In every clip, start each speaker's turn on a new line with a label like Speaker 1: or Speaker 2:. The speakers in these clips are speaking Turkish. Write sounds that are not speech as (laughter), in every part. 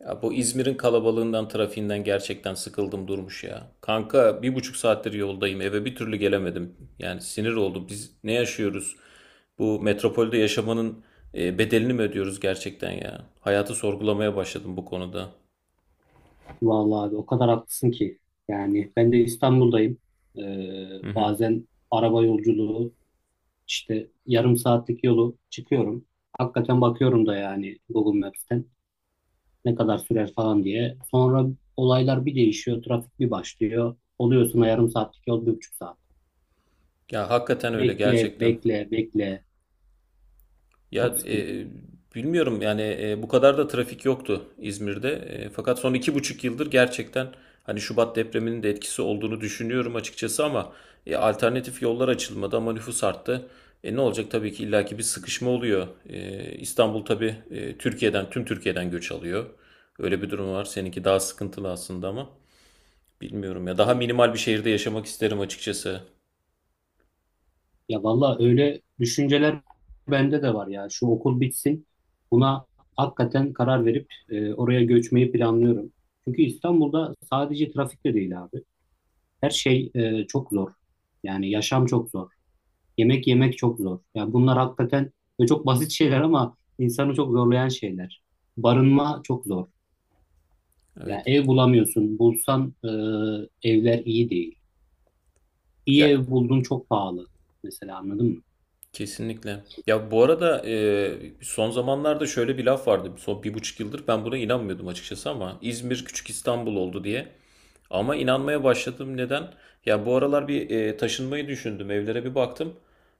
Speaker 1: Ya bu İzmir'in kalabalığından, trafiğinden gerçekten sıkıldım durmuş ya. Kanka bir buçuk saattir yoldayım. Eve bir türlü gelemedim. Yani sinir oldum. Biz ne yaşıyoruz? Bu metropolde yaşamanın bedelini mi ödüyoruz gerçekten ya? Hayatı sorgulamaya başladım bu konuda.
Speaker 2: Vallahi abi o kadar haklısın ki. Yani ben de İstanbul'dayım. Ee,
Speaker 1: Hı hı.
Speaker 2: Bazen araba yolculuğu işte yarım saatlik yolu çıkıyorum. Hakikaten bakıyorum da yani Google Maps'ten ne kadar sürer falan diye. Sonra olaylar bir değişiyor, trafik bir başlıyor. Oluyorsun o yarım saatlik yol 1,5 saat.
Speaker 1: Ya hakikaten öyle
Speaker 2: Bekle,
Speaker 1: gerçekten.
Speaker 2: bekle, bekle.
Speaker 1: Ya
Speaker 2: Çok sıkıntı.
Speaker 1: e, bilmiyorum yani bu kadar da trafik yoktu İzmir'de. Fakat son iki buçuk yıldır gerçekten hani Şubat depreminin de etkisi olduğunu düşünüyorum açıkçası ama alternatif yollar açılmadı ama nüfus arttı. Ne olacak tabii ki illaki bir sıkışma oluyor. İstanbul tabii e, Türkiye'den tüm Türkiye'den göç alıyor. Öyle bir durum var. Seninki daha sıkıntılı aslında ama bilmiyorum ya daha
Speaker 2: Evet.
Speaker 1: minimal bir şehirde yaşamak isterim açıkçası.
Speaker 2: Ya valla öyle düşünceler bende de var ya. Şu okul bitsin. Buna hakikaten karar verip oraya göçmeyi planlıyorum. Çünkü İstanbul'da sadece trafik de değil abi. Her şey çok zor. Yani yaşam çok zor. Yemek yemek çok zor. Yani bunlar hakikaten ve çok basit şeyler ama insanı çok zorlayan şeyler. Barınma çok zor. Yani
Speaker 1: Evet.
Speaker 2: ev bulamıyorsun. Bulsan evler iyi değil. İyi
Speaker 1: Ya
Speaker 2: ev buldun çok pahalı. Mesela anladın mı?
Speaker 1: kesinlikle. Ya bu arada son zamanlarda şöyle bir laf vardı. Son bir buçuk yıldır ben buna inanmıyordum açıkçası ama İzmir küçük İstanbul oldu diye. Ama inanmaya başladım. Neden? Ya bu aralar bir taşınmayı düşündüm. Evlere bir baktım.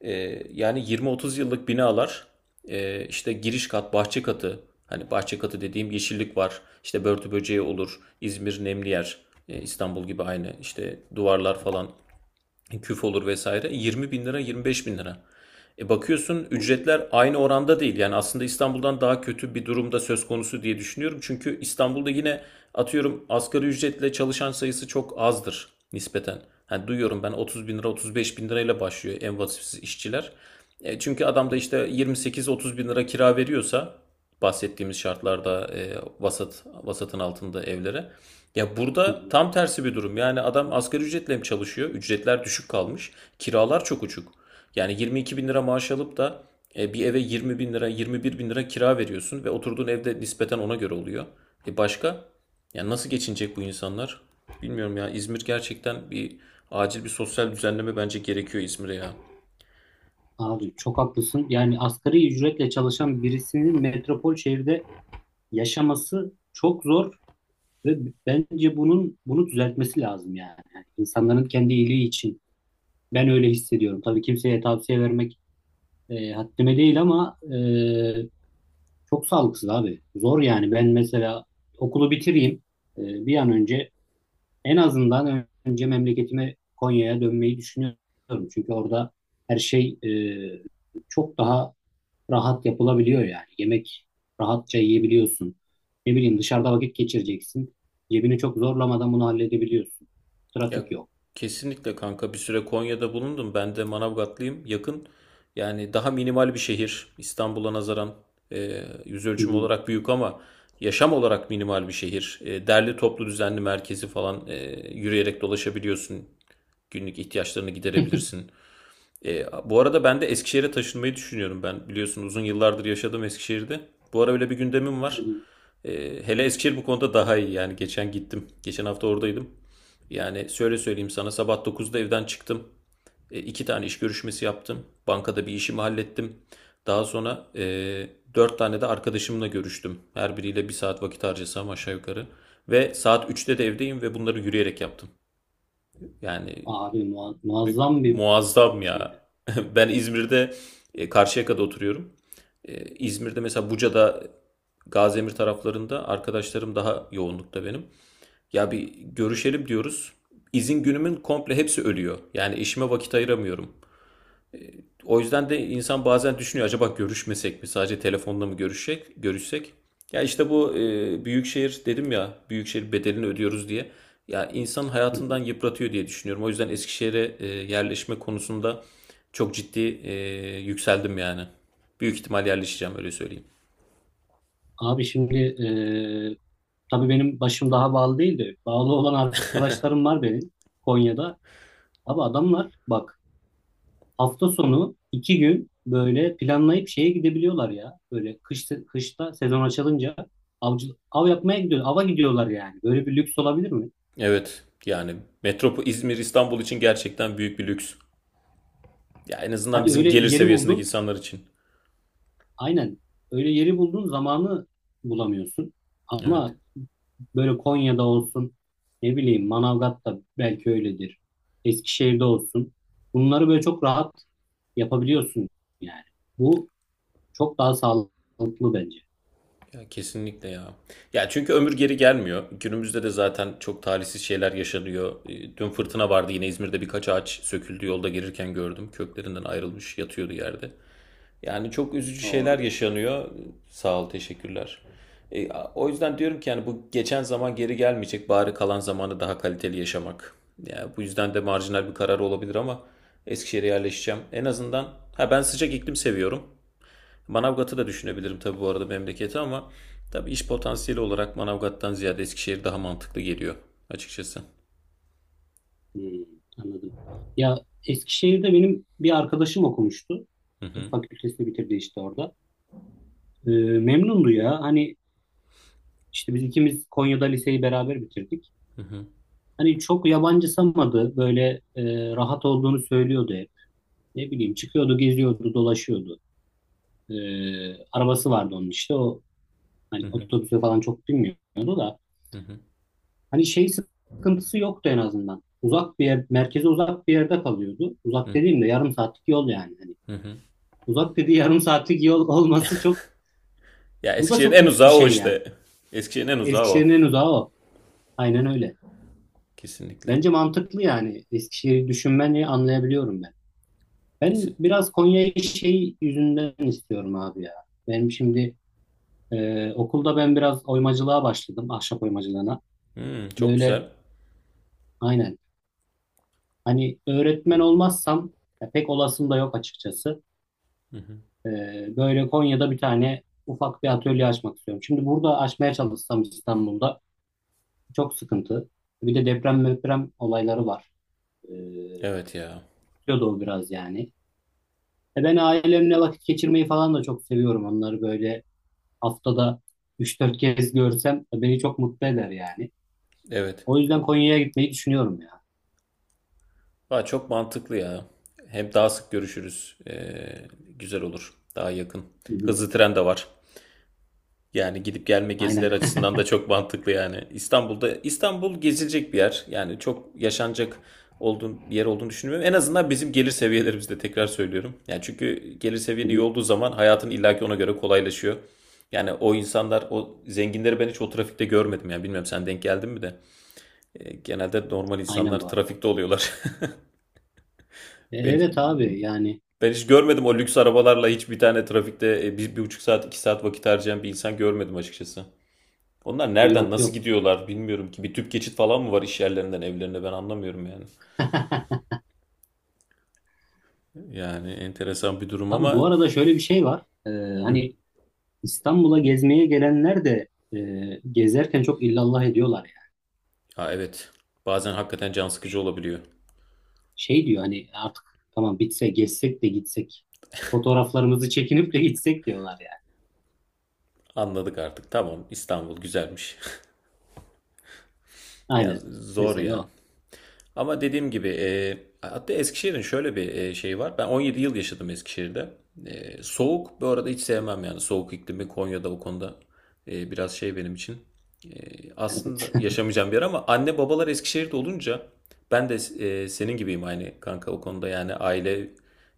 Speaker 1: E, Yani 20-30 yıllık binalar işte giriş kat, bahçe katı. Hani bahçe katı dediğim yeşillik var. İşte börtü böceği olur. İzmir nemli yer. İstanbul gibi aynı. İşte duvarlar falan küf olur vesaire 20 bin lira 25 bin lira. Bakıyorsun
Speaker 2: Oo.
Speaker 1: ücretler aynı oranda değil. Yani aslında İstanbul'dan daha kötü bir durumda söz konusu diye düşünüyorum. Çünkü İstanbul'da yine atıyorum asgari ücretle çalışan sayısı çok azdır nispeten. Hani duyuyorum ben 30 bin lira 35 bin lirayla başlıyor en vasıfsız işçiler. Çünkü adam
Speaker 2: Hı
Speaker 1: da
Speaker 2: hı,
Speaker 1: işte 28-30 bin lira kira veriyorsa bahsettiğimiz şartlarda vasatın altında evlere. Ya
Speaker 2: hı
Speaker 1: burada
Speaker 2: hı.
Speaker 1: tam tersi bir durum. Yani adam asgari ücretle mi çalışıyor? Ücretler düşük kalmış. Kiralar çok uçuk. Yani 22 bin lira maaş alıp da bir eve 20 bin lira, 21 bin lira kira veriyorsun ve oturduğun evde nispeten ona göre oluyor. Başka? Yani nasıl geçinecek bu insanlar? Bilmiyorum ya. İzmir gerçekten acil bir sosyal düzenleme bence gerekiyor İzmir'e ya.
Speaker 2: Abi çok haklısın. Yani asgari ücretle çalışan birisinin metropol şehirde yaşaması çok zor ve bence bunu düzeltmesi lazım yani. Yani insanların kendi iyiliği için. Ben öyle hissediyorum. Tabii kimseye tavsiye vermek haddime değil ama çok sağlıksız abi. Zor yani. Ben mesela okulu bitireyim bir an önce en azından önce memleketime Konya'ya dönmeyi düşünüyorum. Çünkü orada her şey çok daha rahat yapılabiliyor yani. Yemek rahatça yiyebiliyorsun. Ne bileyim dışarıda vakit geçireceksin. Cebini çok zorlamadan bunu halledebiliyorsun.
Speaker 1: Ya
Speaker 2: Trafik yok.
Speaker 1: kesinlikle kanka bir süre Konya'da bulundum. Ben de Manavgatlıyım. Yakın. Yani daha minimal bir şehir. İstanbul'a nazaran yüz
Speaker 2: Hı
Speaker 1: ölçümü
Speaker 2: hı.
Speaker 1: olarak büyük ama yaşam olarak minimal bir şehir. Derli toplu düzenli merkezi falan yürüyerek dolaşabiliyorsun. Günlük ihtiyaçlarını
Speaker 2: (laughs)
Speaker 1: giderebilirsin. Bu arada ben de Eskişehir'e taşınmayı düşünüyorum. Ben biliyorsun uzun yıllardır yaşadım Eskişehir'de. Bu ara öyle bir gündemim
Speaker 2: Hı
Speaker 1: var.
Speaker 2: hı.
Speaker 1: E, Hele Eskişehir bu konuda daha iyi. Yani geçen gittim. Geçen hafta oradaydım. Yani şöyle söyleyeyim sana sabah 9'da evden çıktım. İki tane iş görüşmesi yaptım. Bankada bir işimi hallettim. Daha sonra dört tane de arkadaşımla görüştüm. Her biriyle bir saat vakit harcasam aşağı yukarı. Ve saat 3'te de evdeyim ve bunları yürüyerek yaptım. Yani
Speaker 2: Abi muazzam bir
Speaker 1: muazzam
Speaker 2: şeydi.
Speaker 1: ya. (laughs) Ben İzmir'de Karşıyaka'da oturuyorum. İzmir'de mesela Buca'da Gaziemir taraflarında arkadaşlarım daha yoğunlukta benim. Ya bir görüşelim diyoruz. İzin günümün komple hepsi ölüyor. Yani işime vakit ayıramıyorum. O yüzden de
Speaker 2: Hı
Speaker 1: insan bazen düşünüyor acaba görüşmesek mi? Sadece telefonla mı görüşsek? Görüşsek? Ya işte bu büyükşehir dedim ya büyükşehir bedelini ödüyoruz diye. Ya insan
Speaker 2: hı.
Speaker 1: hayatından yıpratıyor diye düşünüyorum. O yüzden Eskişehir'e yerleşme konusunda çok ciddi yükseldim yani. Büyük ihtimal yerleşeceğim öyle söyleyeyim.
Speaker 2: Abi şimdi tabii benim başım daha bağlı değildi. Bağlı olan arkadaşlarım var benim Konya'da. Abi adamlar bak hafta sonu 2 gün böyle planlayıp şeye gidebiliyorlar ya. Böyle kışta sezon açılınca av yapmaya gidiyor. Ava gidiyorlar yani. Böyle bir lüks olabilir mi?
Speaker 1: Evet yani İzmir İstanbul için gerçekten büyük bir lüks. Ya en azından
Speaker 2: Hadi
Speaker 1: bizim
Speaker 2: öyle
Speaker 1: gelir
Speaker 2: yeri
Speaker 1: seviyesindeki
Speaker 2: buldun.
Speaker 1: insanlar için.
Speaker 2: Aynen. Öyle yeri buldun zamanı bulamıyorsun.
Speaker 1: Evet.
Speaker 2: Ama böyle Konya'da olsun, ne bileyim Manavgat'ta belki öyledir. Eskişehir'de olsun. Bunları böyle çok rahat yapabiliyorsun yani. Bu çok daha sağlıklı bence.
Speaker 1: Ya kesinlikle ya. Ya çünkü ömür geri gelmiyor. Günümüzde de zaten çok talihsiz şeyler yaşanıyor. Dün fırtına vardı yine İzmir'de birkaç ağaç söküldü yolda gelirken gördüm. Köklerinden ayrılmış yatıyordu yerde. Yani çok üzücü
Speaker 2: O
Speaker 1: şeyler
Speaker 2: geçmiş olsun.
Speaker 1: yaşanıyor. Sağ ol, teşekkürler. O yüzden diyorum ki yani bu geçen zaman geri gelmeyecek. Bari kalan zamanı daha kaliteli yaşamak. Yani bu yüzden de marjinal bir karar olabilir ama Eskişehir'e yerleşeceğim. En azından ha ben sıcak iklim seviyorum. Manavgat'ı da düşünebilirim tabii bu arada memleketi ama tabii iş potansiyeli olarak Manavgat'tan ziyade Eskişehir daha mantıklı geliyor açıkçası.
Speaker 2: Hmm, anladım. Ya Eskişehir'de benim bir arkadaşım okumuştu. Tıp fakültesini bitirdi işte orada. Ee, Memnundu ya. Hani işte biz ikimiz Konya'da liseyi beraber bitirdik. Hani çok yabancısamadı. Böyle rahat olduğunu söylüyordu hep. Ne bileyim çıkıyordu, geziyordu, dolaşıyordu. Arabası vardı onun işte. O
Speaker 1: Hı
Speaker 2: hani
Speaker 1: hı.
Speaker 2: otobüse falan çok binmiyordu da. Hani şey sıkıntısı yoktu en azından. Uzak bir yer, merkeze uzak bir yerde kalıyordu. Uzak dediğimde yarım saatlik yol yani. Hani. Uzak dediği (laughs) yarım saatlik yol olması çok,
Speaker 1: Ya
Speaker 2: bu da
Speaker 1: Eskişehir'in
Speaker 2: çok
Speaker 1: en
Speaker 2: lüks bir
Speaker 1: uzağı o
Speaker 2: şey yani.
Speaker 1: işte. Eskişehir'in en uzağı
Speaker 2: Eskişehir'in
Speaker 1: o.
Speaker 2: en uzağı o. Aynen öyle.
Speaker 1: Kesinlikle.
Speaker 2: Bence mantıklı yani. Eskişehir'i düşünmeni anlayabiliyorum ben.
Speaker 1: Kesin.
Speaker 2: Ben biraz Konya'yı şey yüzünden istiyorum abi ya. Benim şimdi okulda ben biraz oymacılığa başladım. Ahşap oymacılığına.
Speaker 1: Hmm, çok
Speaker 2: Böyle
Speaker 1: güzel.
Speaker 2: aynen. Hani öğretmen olmazsam, ya pek olasım da yok açıkçası. E, Böyle Konya'da bir tane ufak bir atölye açmak istiyorum. Şimdi burada açmaya çalışsam İstanbul'da. Çok sıkıntı. Bir de deprem olayları var. Ee,
Speaker 1: Evet ya.
Speaker 2: Tutuyordu o biraz yani. Ben ailemle vakit geçirmeyi falan da çok seviyorum. Onları böyle haftada 3-4 kez görsem beni çok mutlu eder yani.
Speaker 1: Evet.
Speaker 2: O yüzden Konya'ya gitmeyi düşünüyorum ya.
Speaker 1: Aa, çok mantıklı ya. Hem daha sık görüşürüz. Güzel olur. Daha yakın.
Speaker 2: Hı hı.
Speaker 1: Hızlı tren de var. Yani gidip gelme geziler
Speaker 2: Aynen. (laughs)
Speaker 1: açısından da çok mantıklı yani. İstanbul'da İstanbul gezilecek bir yer. Yani çok yaşanacak olduğun bir yer olduğunu düşünmüyorum. En azından bizim gelir seviyelerimizde tekrar söylüyorum. Yani çünkü gelir
Speaker 2: Hı
Speaker 1: seviyen iyi
Speaker 2: hı.
Speaker 1: olduğu zaman hayatın illaki ona göre kolaylaşıyor. Yani o insanlar, o zenginleri ben hiç o trafikte görmedim. Yani bilmiyorum sen denk geldin mi de. Genelde normal
Speaker 2: Aynen
Speaker 1: insanlar
Speaker 2: bu arada.
Speaker 1: trafikte oluyorlar. (laughs) Ben,
Speaker 2: Evet abi yani
Speaker 1: ben hiç görmedim o lüks arabalarla hiç bir tane trafikte bir, bir buçuk saat, iki saat vakit harcayan bir insan görmedim açıkçası. Onlar nereden
Speaker 2: yok
Speaker 1: nasıl
Speaker 2: yok.
Speaker 1: gidiyorlar bilmiyorum ki. Bir tüp geçit falan mı var iş yerlerinden evlerine ben anlamıyorum yani.
Speaker 2: (laughs)
Speaker 1: Yani enteresan bir durum
Speaker 2: Abi bu
Speaker 1: ama
Speaker 2: arada şöyle bir şey var. Hani İstanbul'a gezmeye gelenler de gezerken çok illallah ediyorlar,
Speaker 1: ya evet bazen hakikaten can sıkıcı olabiliyor.
Speaker 2: şey diyor, hani artık tamam bitse gezsek de gitsek. Fotoğraflarımızı çekinip de gitsek diyorlar yani.
Speaker 1: Anladık artık tamam İstanbul güzelmiş. (laughs) Ya
Speaker 2: Aynen.
Speaker 1: zor
Speaker 2: Mesela
Speaker 1: ya.
Speaker 2: o.
Speaker 1: Ama dediğim gibi hatta Eskişehir'in şöyle bir şeyi var. Ben 17 yıl yaşadım Eskişehir'de. Soğuk bu arada hiç sevmem yani. Soğuk iklimi Konya'da o konuda biraz şey benim için. E,
Speaker 2: Evet.
Speaker 1: Aslında
Speaker 2: (laughs)
Speaker 1: yaşamayacağım bir yer ama anne babalar Eskişehir'de olunca ben de senin gibiyim aynı kanka o konuda yani aile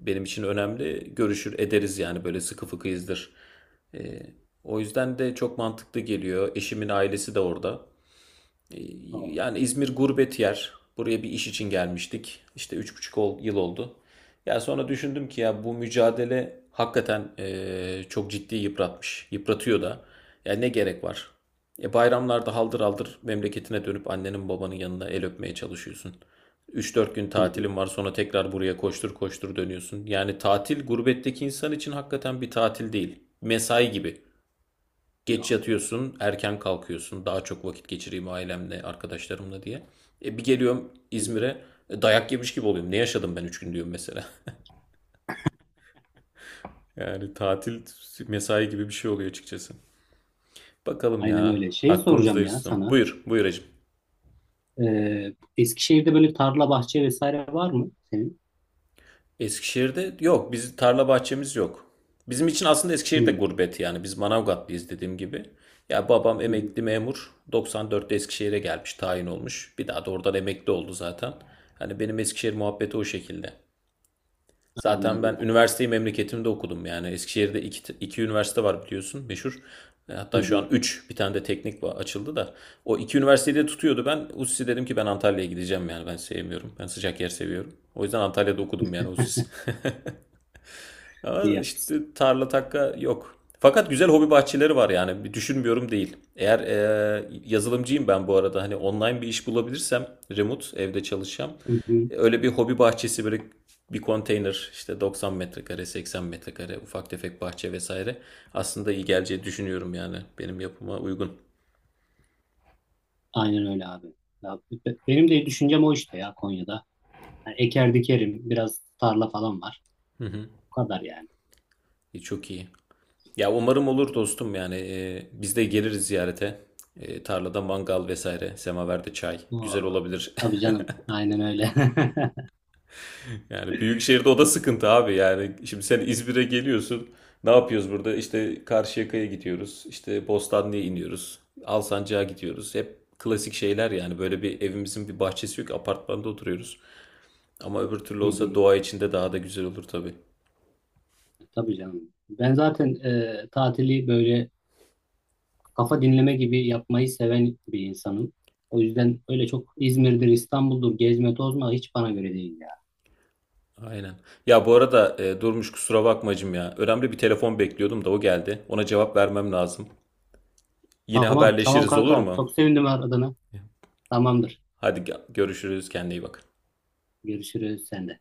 Speaker 1: benim için önemli. Görüşür ederiz yani böyle sıkı fıkıyızdır. E, O yüzden de çok mantıklı geliyor. Eşimin ailesi de orada. E,
Speaker 2: O.
Speaker 1: Yani İzmir gurbet yer. Buraya bir iş için gelmiştik. İşte üç buçuk yıl oldu. Ya sonra düşündüm ki ya bu mücadele hakikaten çok ciddi yıpratmış. Yıpratıyor da. Ya ne gerek var? Bayramlarda haldır haldır memleketine dönüp annenin babanın yanına el öpmeye çalışıyorsun. Üç dört gün
Speaker 2: Hı hı.
Speaker 1: tatilin var sonra tekrar buraya koştur koştur dönüyorsun. Yani tatil gurbetteki insan için hakikaten bir tatil değil. Mesai gibi. Geç
Speaker 2: Yok. Evet.
Speaker 1: yatıyorsun, erken kalkıyorsun. Daha çok vakit geçireyim ailemle, arkadaşlarımla diye. Bir geliyorum
Speaker 2: Hı hı.
Speaker 1: İzmir'e dayak yemiş gibi oluyorum. Ne yaşadım ben 3 gün diyorum mesela. (laughs) Yani tatil mesai gibi bir şey oluyor açıkçası. Bakalım
Speaker 2: Aynen
Speaker 1: ya.
Speaker 2: öyle. Şey soracağım
Speaker 1: Hakkımızdayız
Speaker 2: ya
Speaker 1: ustam.
Speaker 2: sana.
Speaker 1: Buyur, buyur hacım.
Speaker 2: Eskişehir'de böyle tarla, bahçe vesaire var mı senin?
Speaker 1: Eskişehir'de yok. Biz tarla bahçemiz yok. Bizim için aslında Eskişehir de
Speaker 2: Hı.
Speaker 1: gurbet yani. Biz Manavgatlıyız dediğim gibi. Ya babam
Speaker 2: Hı hı.
Speaker 1: emekli memur. 1994'te Eskişehir'e gelmiş, tayin olmuş. Bir daha da oradan emekli oldu zaten. Hani benim Eskişehir muhabbeti o şekilde. Zaten
Speaker 2: Anladım
Speaker 1: ben
Speaker 2: kanka.
Speaker 1: üniversiteyi memleketimde okudum yani. Eskişehir'de iki üniversite var biliyorsun meşhur.
Speaker 2: Hı
Speaker 1: Hatta şu an
Speaker 2: hı.
Speaker 1: üç, bir tane de teknik açıldı da. O iki üniversiteyi de tutuyordu ben. USİ dedim ki ben Antalya'ya gideceğim yani ben sevmiyorum. Ben sıcak yer seviyorum. O yüzden Antalya'da okudum yani USİ.
Speaker 2: İyi
Speaker 1: Ama
Speaker 2: yapmışsın.
Speaker 1: işte tarla takka yok. Fakat güzel hobi bahçeleri var yani düşünmüyorum değil. Eğer yazılımcıyım ben bu arada hani online bir iş bulabilirsem remote evde çalışacağım.
Speaker 2: Hı hı.
Speaker 1: Öyle bir hobi bahçesi böyle bir konteyner işte 90 metrekare 80 metrekare ufak tefek bahçe vesaire aslında iyi geleceği düşünüyorum yani benim yapıma uygun.
Speaker 2: Aynen öyle abi. Ya, benim de düşüncem o işte ya, Konya'da. Yani eker dikerim. Biraz tarla falan var. Bu kadar yani.
Speaker 1: Çok iyi. Ya umarım olur dostum yani biz de geliriz ziyarete. Tarlada mangal vesaire semaverde çay
Speaker 2: O,
Speaker 1: güzel olabilir.
Speaker 2: tabii canım. Aynen öyle. (laughs)
Speaker 1: Yani büyük şehirde o da sıkıntı abi. Yani şimdi sen İzmir'e geliyorsun. Ne yapıyoruz burada? İşte Karşıyaka'ya gidiyoruz. İşte Bostanlı'ya iniyoruz. Alsancak'a gidiyoruz. Hep klasik şeyler yani. Böyle bir evimizin bir bahçesi yok. Apartmanda oturuyoruz. Ama öbür türlü
Speaker 2: Hı
Speaker 1: olsa
Speaker 2: hı.
Speaker 1: doğa içinde daha da güzel olur tabii.
Speaker 2: Tabii canım. Ben zaten tatili böyle kafa dinleme gibi yapmayı seven bir insanım. O yüzden öyle çok İzmir'dir, İstanbul'dur, gezme tozma hiç bana göre değil ya.
Speaker 1: Aynen. Ya bu arada Durmuş kusura bakmacım ya. Önemli bir telefon bekliyordum da o geldi. Ona cevap vermem lazım. Yine
Speaker 2: Tamam, tamam
Speaker 1: haberleşiriz olur
Speaker 2: kanka.
Speaker 1: mu?
Speaker 2: Çok sevindim aradığına. Tamamdır.
Speaker 1: Hadi görüşürüz. Kendine iyi bak.
Speaker 2: Görüşürüz sen de.